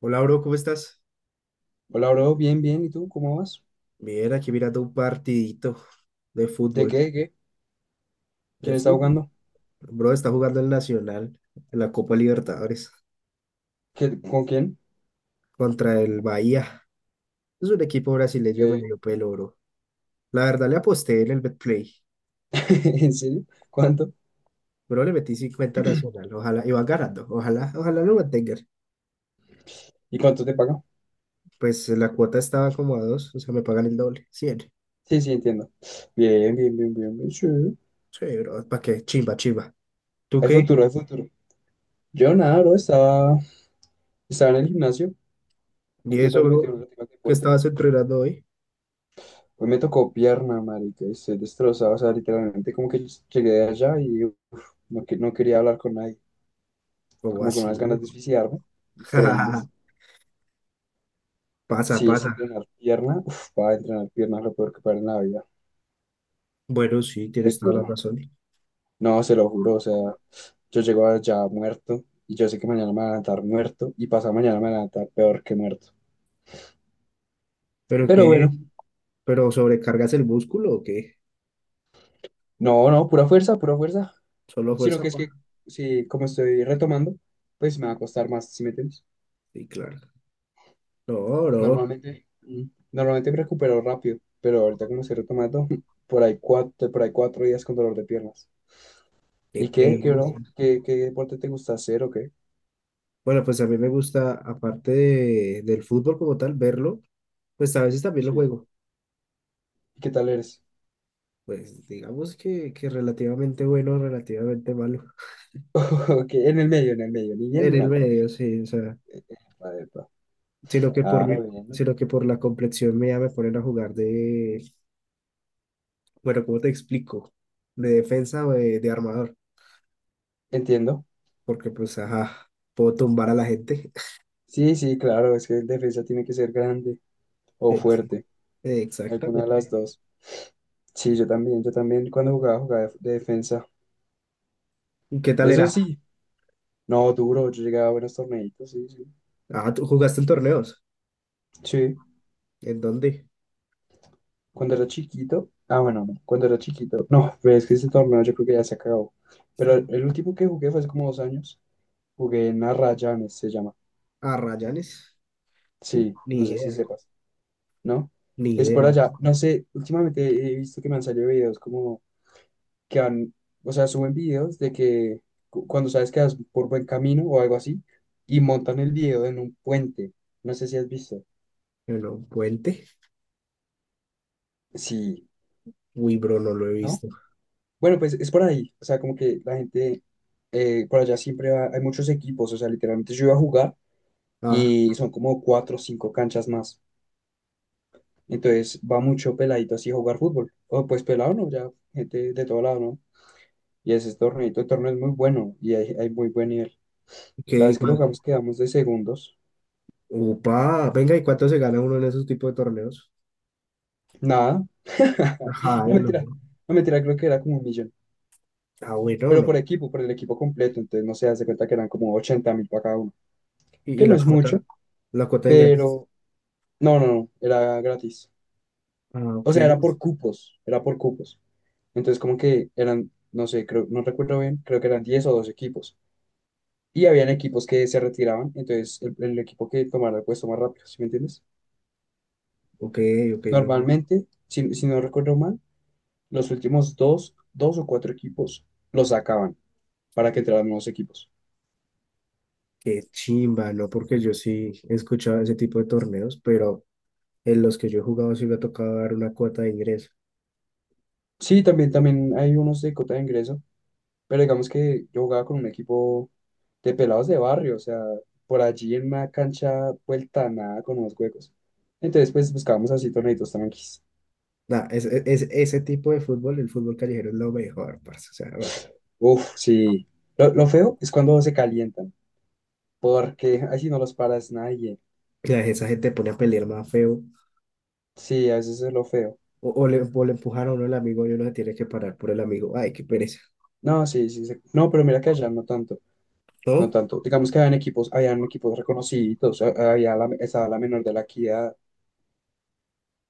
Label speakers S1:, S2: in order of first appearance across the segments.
S1: Hola, bro, ¿cómo estás?
S2: Hola, bro, bien, bien. ¿Y tú cómo vas?
S1: Bien, aquí mirando un partidito de
S2: ¿De qué?
S1: fútbol.
S2: ¿De qué?
S1: De
S2: ¿Quién está
S1: fútbol.
S2: jugando?
S1: Bro, está jugando el Nacional en la Copa Libertadores
S2: ¿Con quién?
S1: contra el Bahía. Es un equipo brasileño
S2: Eh,
S1: medio pelo, bro. La verdad, le aposté en el Betplay.
S2: ¿En serio? ¿Cuánto?
S1: Bro, le metí 50 Nacional. Ojalá, y van ganando. Ojalá lo mantengan.
S2: ¿Y cuánto te pagan?
S1: Pues la cuota estaba como a dos, o sea, me pagan el doble, 100.
S2: Sí, sí, entiendo. Bien, bien, bien, bien, bien, sí.
S1: Sí, bro, ¿para qué? Chimba, chimba. ¿Tú
S2: Hay
S1: qué?
S2: futuro, hay futuro. Yo nada, bro, estaba en el gimnasio,
S1: ¿Y eso,
S2: metiéndole,
S1: bro?
S2: metiéndole al
S1: ¿Qué
S2: deporte.
S1: estabas entrenando hoy?
S2: Hoy me tocó pierna, marica, y estoy destrozado, o sea, literalmente como que llegué de allá y uf, no, no quería hablar con nadie,
S1: ¿Cómo
S2: como con
S1: así,
S2: unas ganas de
S1: bro?
S2: suicidarme, increíbles.
S1: Pasa,
S2: Sí, es que
S1: pasa.
S2: entrenar pierna, uf, para entrenar pierna es lo peor que para en la vida,
S1: Bueno, sí, tienes toda la
S2: prefiero.
S1: razón.
S2: No, se lo juro, o sea, yo llego allá muerto y yo sé que mañana me voy a levantar muerto y pasado mañana me voy a levantar peor que muerto.
S1: ¿Pero
S2: Pero
S1: qué?
S2: bueno,
S1: ¿Pero sobrecargas el músculo o qué?
S2: no, no, pura fuerza, pura fuerza.
S1: ¿Solo
S2: Sino
S1: fuerza,
S2: que es
S1: pa?
S2: que, si como estoy retomando, pues me va a costar más. ¿Si me entiendes?
S1: Sí, claro. No, no,
S2: Normalmente, mm, normalmente me recupero rápido, pero ahorita como estoy retomando, por ahí cuatro días con dolor de piernas.
S1: qué
S2: ¿Y qué, bro?
S1: pereza.
S2: ¿Qué deporte te gusta hacer o qué?
S1: Bueno, pues a mí me gusta, aparte del fútbol como tal, verlo, pues a veces también lo juego.
S2: ¿Y qué tal eres?
S1: Pues digamos que, relativamente bueno, relativamente malo.
S2: Ok, en el medio, ni bien
S1: En
S2: ni
S1: el
S2: mal.
S1: medio, sí, o sea,
S2: A ver,
S1: sino que por,
S2: ah,
S1: mi-
S2: bueno.
S1: sino que por la complexión mía me ponen a jugar de, bueno, ¿cómo te explico? De defensa o de armador.
S2: Entiendo.
S1: Porque pues, ajá, puedo tumbar a la gente.
S2: Sí, sí, claro, es que el defensa tiene que ser grande o
S1: Ex-
S2: fuerte, alguna de las
S1: Exactamente.
S2: dos. Sí, yo también cuando jugaba de defensa.
S1: ¿Y qué tal
S2: Eso
S1: era?
S2: sí, no, duro, yo llegaba a buenos torneitos, sí, sí.
S1: Ah, ¿tú jugaste en torneos?
S2: Sí,
S1: ¿En dónde?
S2: cuando era chiquito, ah, bueno, no, cuando era chiquito, no, pero es que ese torneo yo creo que ya se acabó. Pero el, el último que jugué fue hace como 2 años, jugué en Arrayanes, se llama.
S1: ¿A Rayanes?
S2: Sí,
S1: Ni
S2: no sé si
S1: idea,
S2: sepas. ¿No?
S1: ni
S2: Es por
S1: idea.
S2: allá. No sé, últimamente he visto que me han salido videos como que han, o sea, suben videos de que cuando sabes que vas por buen camino o algo así, y montan el video en un puente. No sé si has visto.
S1: Bueno, un puente.
S2: Sí,
S1: Uy, bro, no lo he
S2: ¿no?
S1: visto.
S2: Bueno, pues es por ahí. O sea, como que la gente por allá siempre va, hay muchos equipos. O sea, literalmente yo iba a jugar
S1: Ah,
S2: y son como cuatro o cinco canchas más. Entonces va mucho peladito así a jugar fútbol. O pues pelado, ¿no? Ya gente de todo lado, ¿no? Y ese torneito de torneo es muy bueno y hay muy buen nivel. La
S1: ¿qué? ¿Y
S2: vez que lo
S1: cuál?
S2: jugamos quedamos de segundos.
S1: Upa, venga, ¿y cuánto se gana uno en esos tipos de torneos?
S2: Nada.
S1: Ajá, ay,
S2: No
S1: no.
S2: mentira. No mentira, creo que era como un millón.
S1: Ah, bueno,
S2: Pero
S1: no.
S2: por equipo, por el equipo completo. Entonces no se hace cuenta que eran como 80.000 para cada uno.
S1: ¿Y,
S2: Que
S1: y
S2: no
S1: la
S2: es mucho,
S1: cuota? ¿La cuota de ingresos?
S2: pero no, no, no. Era gratis.
S1: Ah,
S2: O
S1: ok,
S2: sea, era por cupos. Era por cupos. Entonces como que eran, no sé, creo, no recuerdo bien, creo que eran 10 o 12 equipos. Y habían equipos que se retiraban. Entonces el equipo que tomara el puesto más rápido, ¿sí me entiendes?
S1: ok, ok, no, no.
S2: Normalmente, si no recuerdo mal, los últimos dos, dos o cuatro equipos los sacaban para que entraran nuevos equipos.
S1: Qué chimba, ¿no? Porque yo sí he escuchado ese tipo de torneos, pero en los que yo he jugado sí me ha tocado dar una cuota de ingreso.
S2: Sí, también, también hay unos de cota de ingreso, pero digamos que yo jugaba con un equipo de pelados de barrio, o sea, por allí en una cancha vuelta a nada con unos huecos. Entonces, pues buscábamos así torneitos tranquis.
S1: Nah, ese tipo de fútbol, el fútbol callejero es lo mejor, parce. O sea, bah,
S2: Uf, sí. Lo feo es cuando se calientan, porque así no los paras nadie.
S1: esa gente pone a pelear más feo.
S2: Sí, a veces es lo feo.
S1: O le empujan a uno el amigo y uno se tiene que parar por el amigo. Ay, qué pereza.
S2: No, sí, sí, sí. No, pero mira que allá no tanto. No
S1: ¿No?
S2: tanto. Digamos que habían equipos reconocidos, estaba la menor de la Equidad,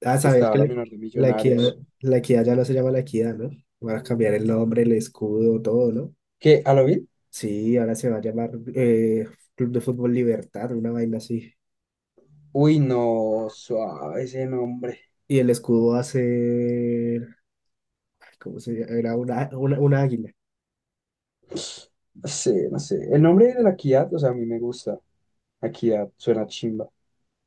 S1: Ah, sabías
S2: estaba
S1: que
S2: la menor de
S1: la equidad,
S2: Millonarios.
S1: ya no se llama la equidad, ¿no? Van a cambiar el nombre, el escudo, todo, ¿no?
S2: ¿Qué? ¿A lo bien?
S1: Sí, ahora se va a llamar Club de Fútbol Libertad, una vaina así.
S2: Uy, no, suave ese nombre.
S1: Y el escudo va a ser, ¿cómo se llama? Era una águila.
S2: No sé, no sé. El nombre de la Equidad, o sea, a mí me gusta. Equidad, suena chimba.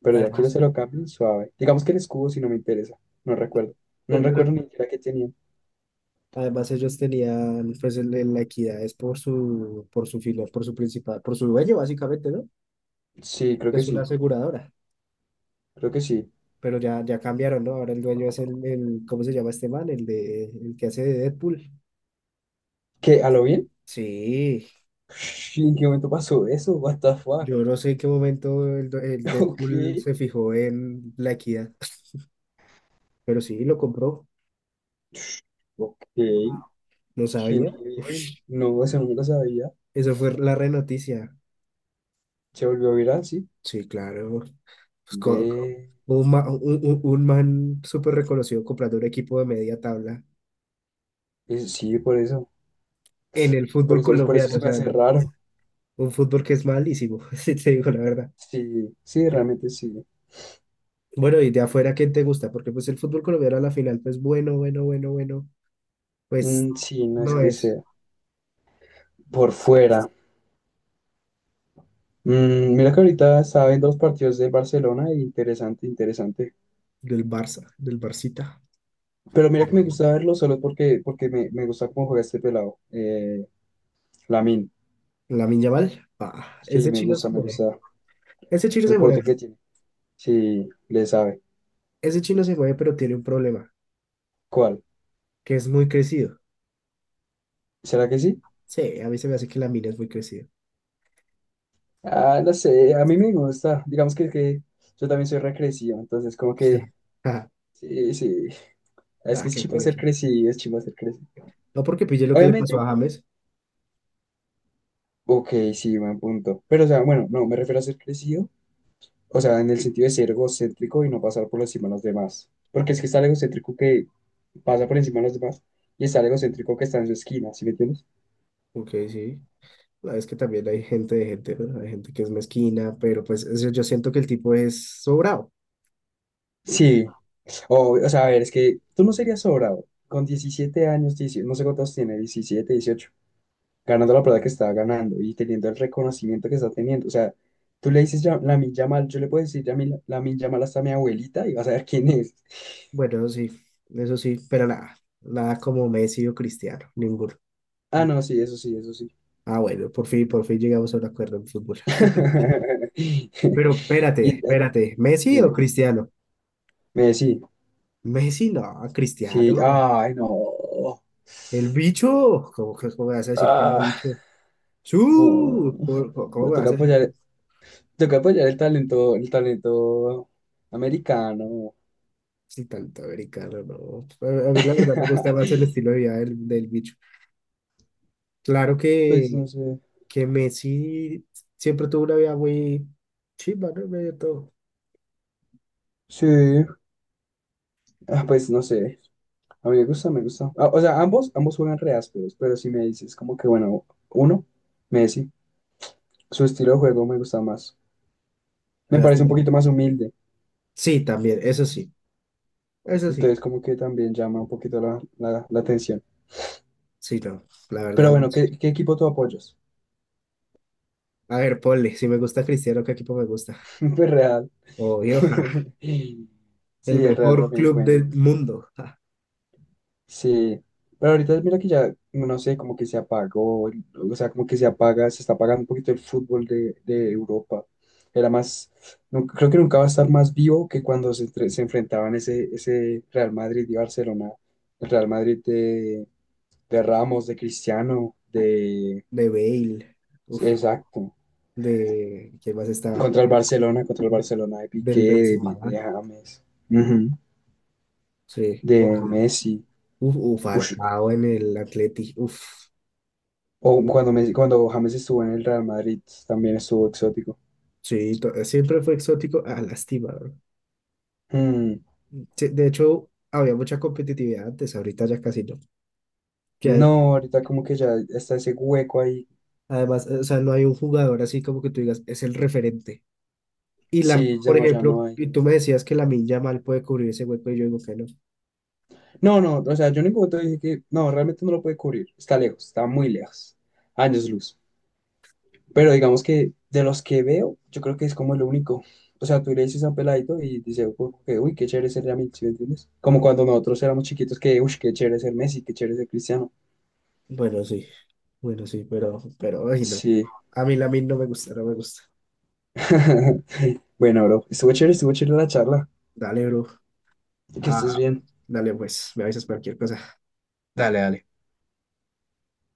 S2: Pero ya que
S1: Además.
S2: se lo cambien, suave. Digamos que el escudo si no me interesa. No recuerdo. No
S1: Pero
S2: recuerdo ni siquiera qué tenían.
S1: además ellos tenían pues la equidad es por su filial, por su principal, por su dueño básicamente, ¿no?
S2: Sí, creo
S1: Que
S2: que
S1: es una
S2: sí.
S1: aseguradora.
S2: Creo que sí.
S1: Pero ya cambiaron, ¿no? Ahora el dueño es ¿cómo se llama este man? El de el que hace de Deadpool.
S2: ¿Qué? ¿A lo bien?
S1: Sí,
S2: Ush, ¿en qué momento pasó eso? What the fuck?
S1: yo no sé en qué momento el
S2: Ok.
S1: Deadpool se fijó en la equidad, pero sí, lo compró,
S2: Ok. Qué
S1: no sabía.
S2: nivel. No, eso nunca sabía.
S1: Eso fue la re noticia.
S2: Se volvió viral, sí.
S1: Sí, claro. Pues,
S2: Ve.
S1: un, ma- un man súper reconocido comprando un equipo de media tabla.
S2: Sí, por eso.
S1: En el
S2: Por
S1: fútbol
S2: eso, por eso
S1: colombiano, o
S2: se me
S1: sea,
S2: hace raro.
S1: un fútbol que es malísimo, si te digo la verdad.
S2: Sí, sí, realmente sí.
S1: Bueno, y de afuera, ¿quién te gusta? Porque pues el fútbol colombiano a la final, pues bueno, pues
S2: Mm, sí, no es
S1: no
S2: que
S1: es
S2: sea. Por fuera. Mira que ahorita estaba viendo los partidos de Barcelona y interesante, interesante.
S1: del Barça, del Barcita.
S2: Pero mira que me gusta verlo solo porque me gusta cómo juega este pelado. Lamine.
S1: La Yamal, ah,
S2: Sí,
S1: ese chino se
S2: me
S1: mueve,
S2: gusta
S1: ese chino se
S2: el
S1: mueve,
S2: porte que tiene. Sí, le sabe.
S1: ese chino se mueve, pero tiene un problema,
S2: ¿Cuál?
S1: que es muy crecido.
S2: ¿Será que sí?
S1: Sí, a mí se me hace que la mina es muy crecida.
S2: Ah, no sé, a mí me gusta. Digamos que yo también soy recrecivo, entonces como que,
S1: Ah,
S2: sí, sí, es
S1: ah,
S2: que es
S1: qué
S2: chivo ser
S1: pereza.
S2: crecido, es chivo ser crecido.
S1: No porque pille lo que le pasó
S2: Obviamente,
S1: a James,
S2: ok, sí, buen punto. Pero, o sea, bueno, no, me refiero a ser crecido, o sea, en el sentido de ser egocéntrico y no pasar por encima de los demás. Porque es que está el egocéntrico que pasa por encima de los demás y está el egocéntrico que está en su esquina, ¿sí me entiendes?
S1: ok, sí. No, es que también hay gente de gente, ¿no? Hay gente que es mezquina, pero pues yo siento que el tipo es sobrado.
S2: Sí, o sea, a ver, es que tú no serías sobrado. Con 17 años, dieci no sé cuántos tiene, 17 18 ganando la plata que estaba ganando y teniendo el reconocimiento que está teniendo. O sea, tú le dices la Lamine Yamal, yo le puedo decir Lamine Yamal hasta a mi abuelita y vas a ver quién es.
S1: Bueno, sí, eso sí, pero nada, nada como Messi o Cristiano, ninguno.
S2: Ah, no, sí, eso sí, eso sí.
S1: Ah, bueno, por fin llegamos a un acuerdo en fútbol. Pero
S2: Y,
S1: espérate, espérate, ¿Messi o
S2: dime,
S1: Cristiano?
S2: Messi,
S1: Messi no,
S2: sí,
S1: Cristiano.
S2: ay, no.
S1: El bicho, ¿cómo me vas a decir que el
S2: Ah,
S1: bicho?
S2: no.
S1: ¡Su! ¿Cómo
S2: No,
S1: me
S2: toca
S1: vas a decir que
S2: apoyar, toca apoyar el talento americano.
S1: si tanto americano? No. A mí la verdad me gusta más el estilo de vida del bicho. Claro
S2: Pues
S1: que
S2: no sé.
S1: Messi siempre tuvo una vida muy chimba, ¿no? En medio de todo.
S2: Sí, ah, pues no sé. A mí me gusta, me gusta. Ah, o sea, ambos, ambos juegan re ásperos, pero si me dices como que, bueno, uno, Messi, su estilo de juego me gusta más. Me parece un
S1: Lástima.
S2: poquito más humilde,
S1: Sí, también, eso sí, eso sí.
S2: entonces como que también llama un poquito la atención.
S1: Sí, no, la
S2: Pero
S1: verdad.
S2: bueno,
S1: Messi.
S2: ¿qué equipo tú apoyas?
S1: A ver, ponle, si me gusta Cristiano, ¿qué equipo me gusta?
S2: Pues Real.
S1: Obvio, ja, el
S2: Sí, el Real
S1: mejor
S2: también es
S1: club
S2: bueno.
S1: del mundo, ja,
S2: Sí, pero ahorita mira que ya, no sé, como que se apagó, o sea, como que se apaga, se está apagando un poquito el fútbol de, Europa. Era más, no, creo que nunca va a estar más vivo que cuando se enfrentaban ese Real Madrid y Barcelona, el Real Madrid de Ramos, de Cristiano, de...
S1: de Bale, uf,
S2: Exacto,
S1: de, ¿quién más estaba?
S2: contra el
S1: De-
S2: Barcelona de
S1: Del
S2: Piqué,
S1: Benzema,
S2: de,
S1: ¿no?
S2: de James, ujú,
S1: Sí, ok.
S2: de Messi.
S1: Uf, uf, Falcao en el Atleti, uf,
S2: O cuando James estuvo en el Real Madrid, también estuvo exótico.
S1: sí, siempre fue exótico, ah, lástima.
S2: Mm,
S1: Sí, de hecho, había mucha competitividad antes, ahorita ya casi no. Que a-
S2: no, ahorita como que ya está ese hueco ahí.
S1: además, o sea, no hay un jugador así como que tú digas, es el referente. Y la,
S2: Sí, ya
S1: por
S2: no, ya
S1: ejemplo,
S2: no hay.
S1: y tú me decías que la Lamine mal puede cubrir ese hueco y yo digo que no.
S2: No, no, o sea, yo en ningún momento dije que no, realmente no lo puede cubrir. Está lejos, está muy lejos. Años luz. Pero digamos que de los que veo, yo creo que es como el único. O sea, tú le dices a un peladito y dice, "Uy, uy, qué chévere ser Yamil", ¿sí me entiendes? Como cuando nosotros éramos chiquitos, que, uy, qué chévere ser Messi, qué chévere ser Cristiano.
S1: Bueno, sí, bueno, sí, pero, ay, no.
S2: Sí.
S1: A mí min no me gusta, no me gusta.
S2: Bueno, bro, estuvo chévere la charla.
S1: Dale, bro.
S2: Que estés
S1: Ah,
S2: bien.
S1: dale, pues, me avisas cualquier cosa.
S2: Dale, dale.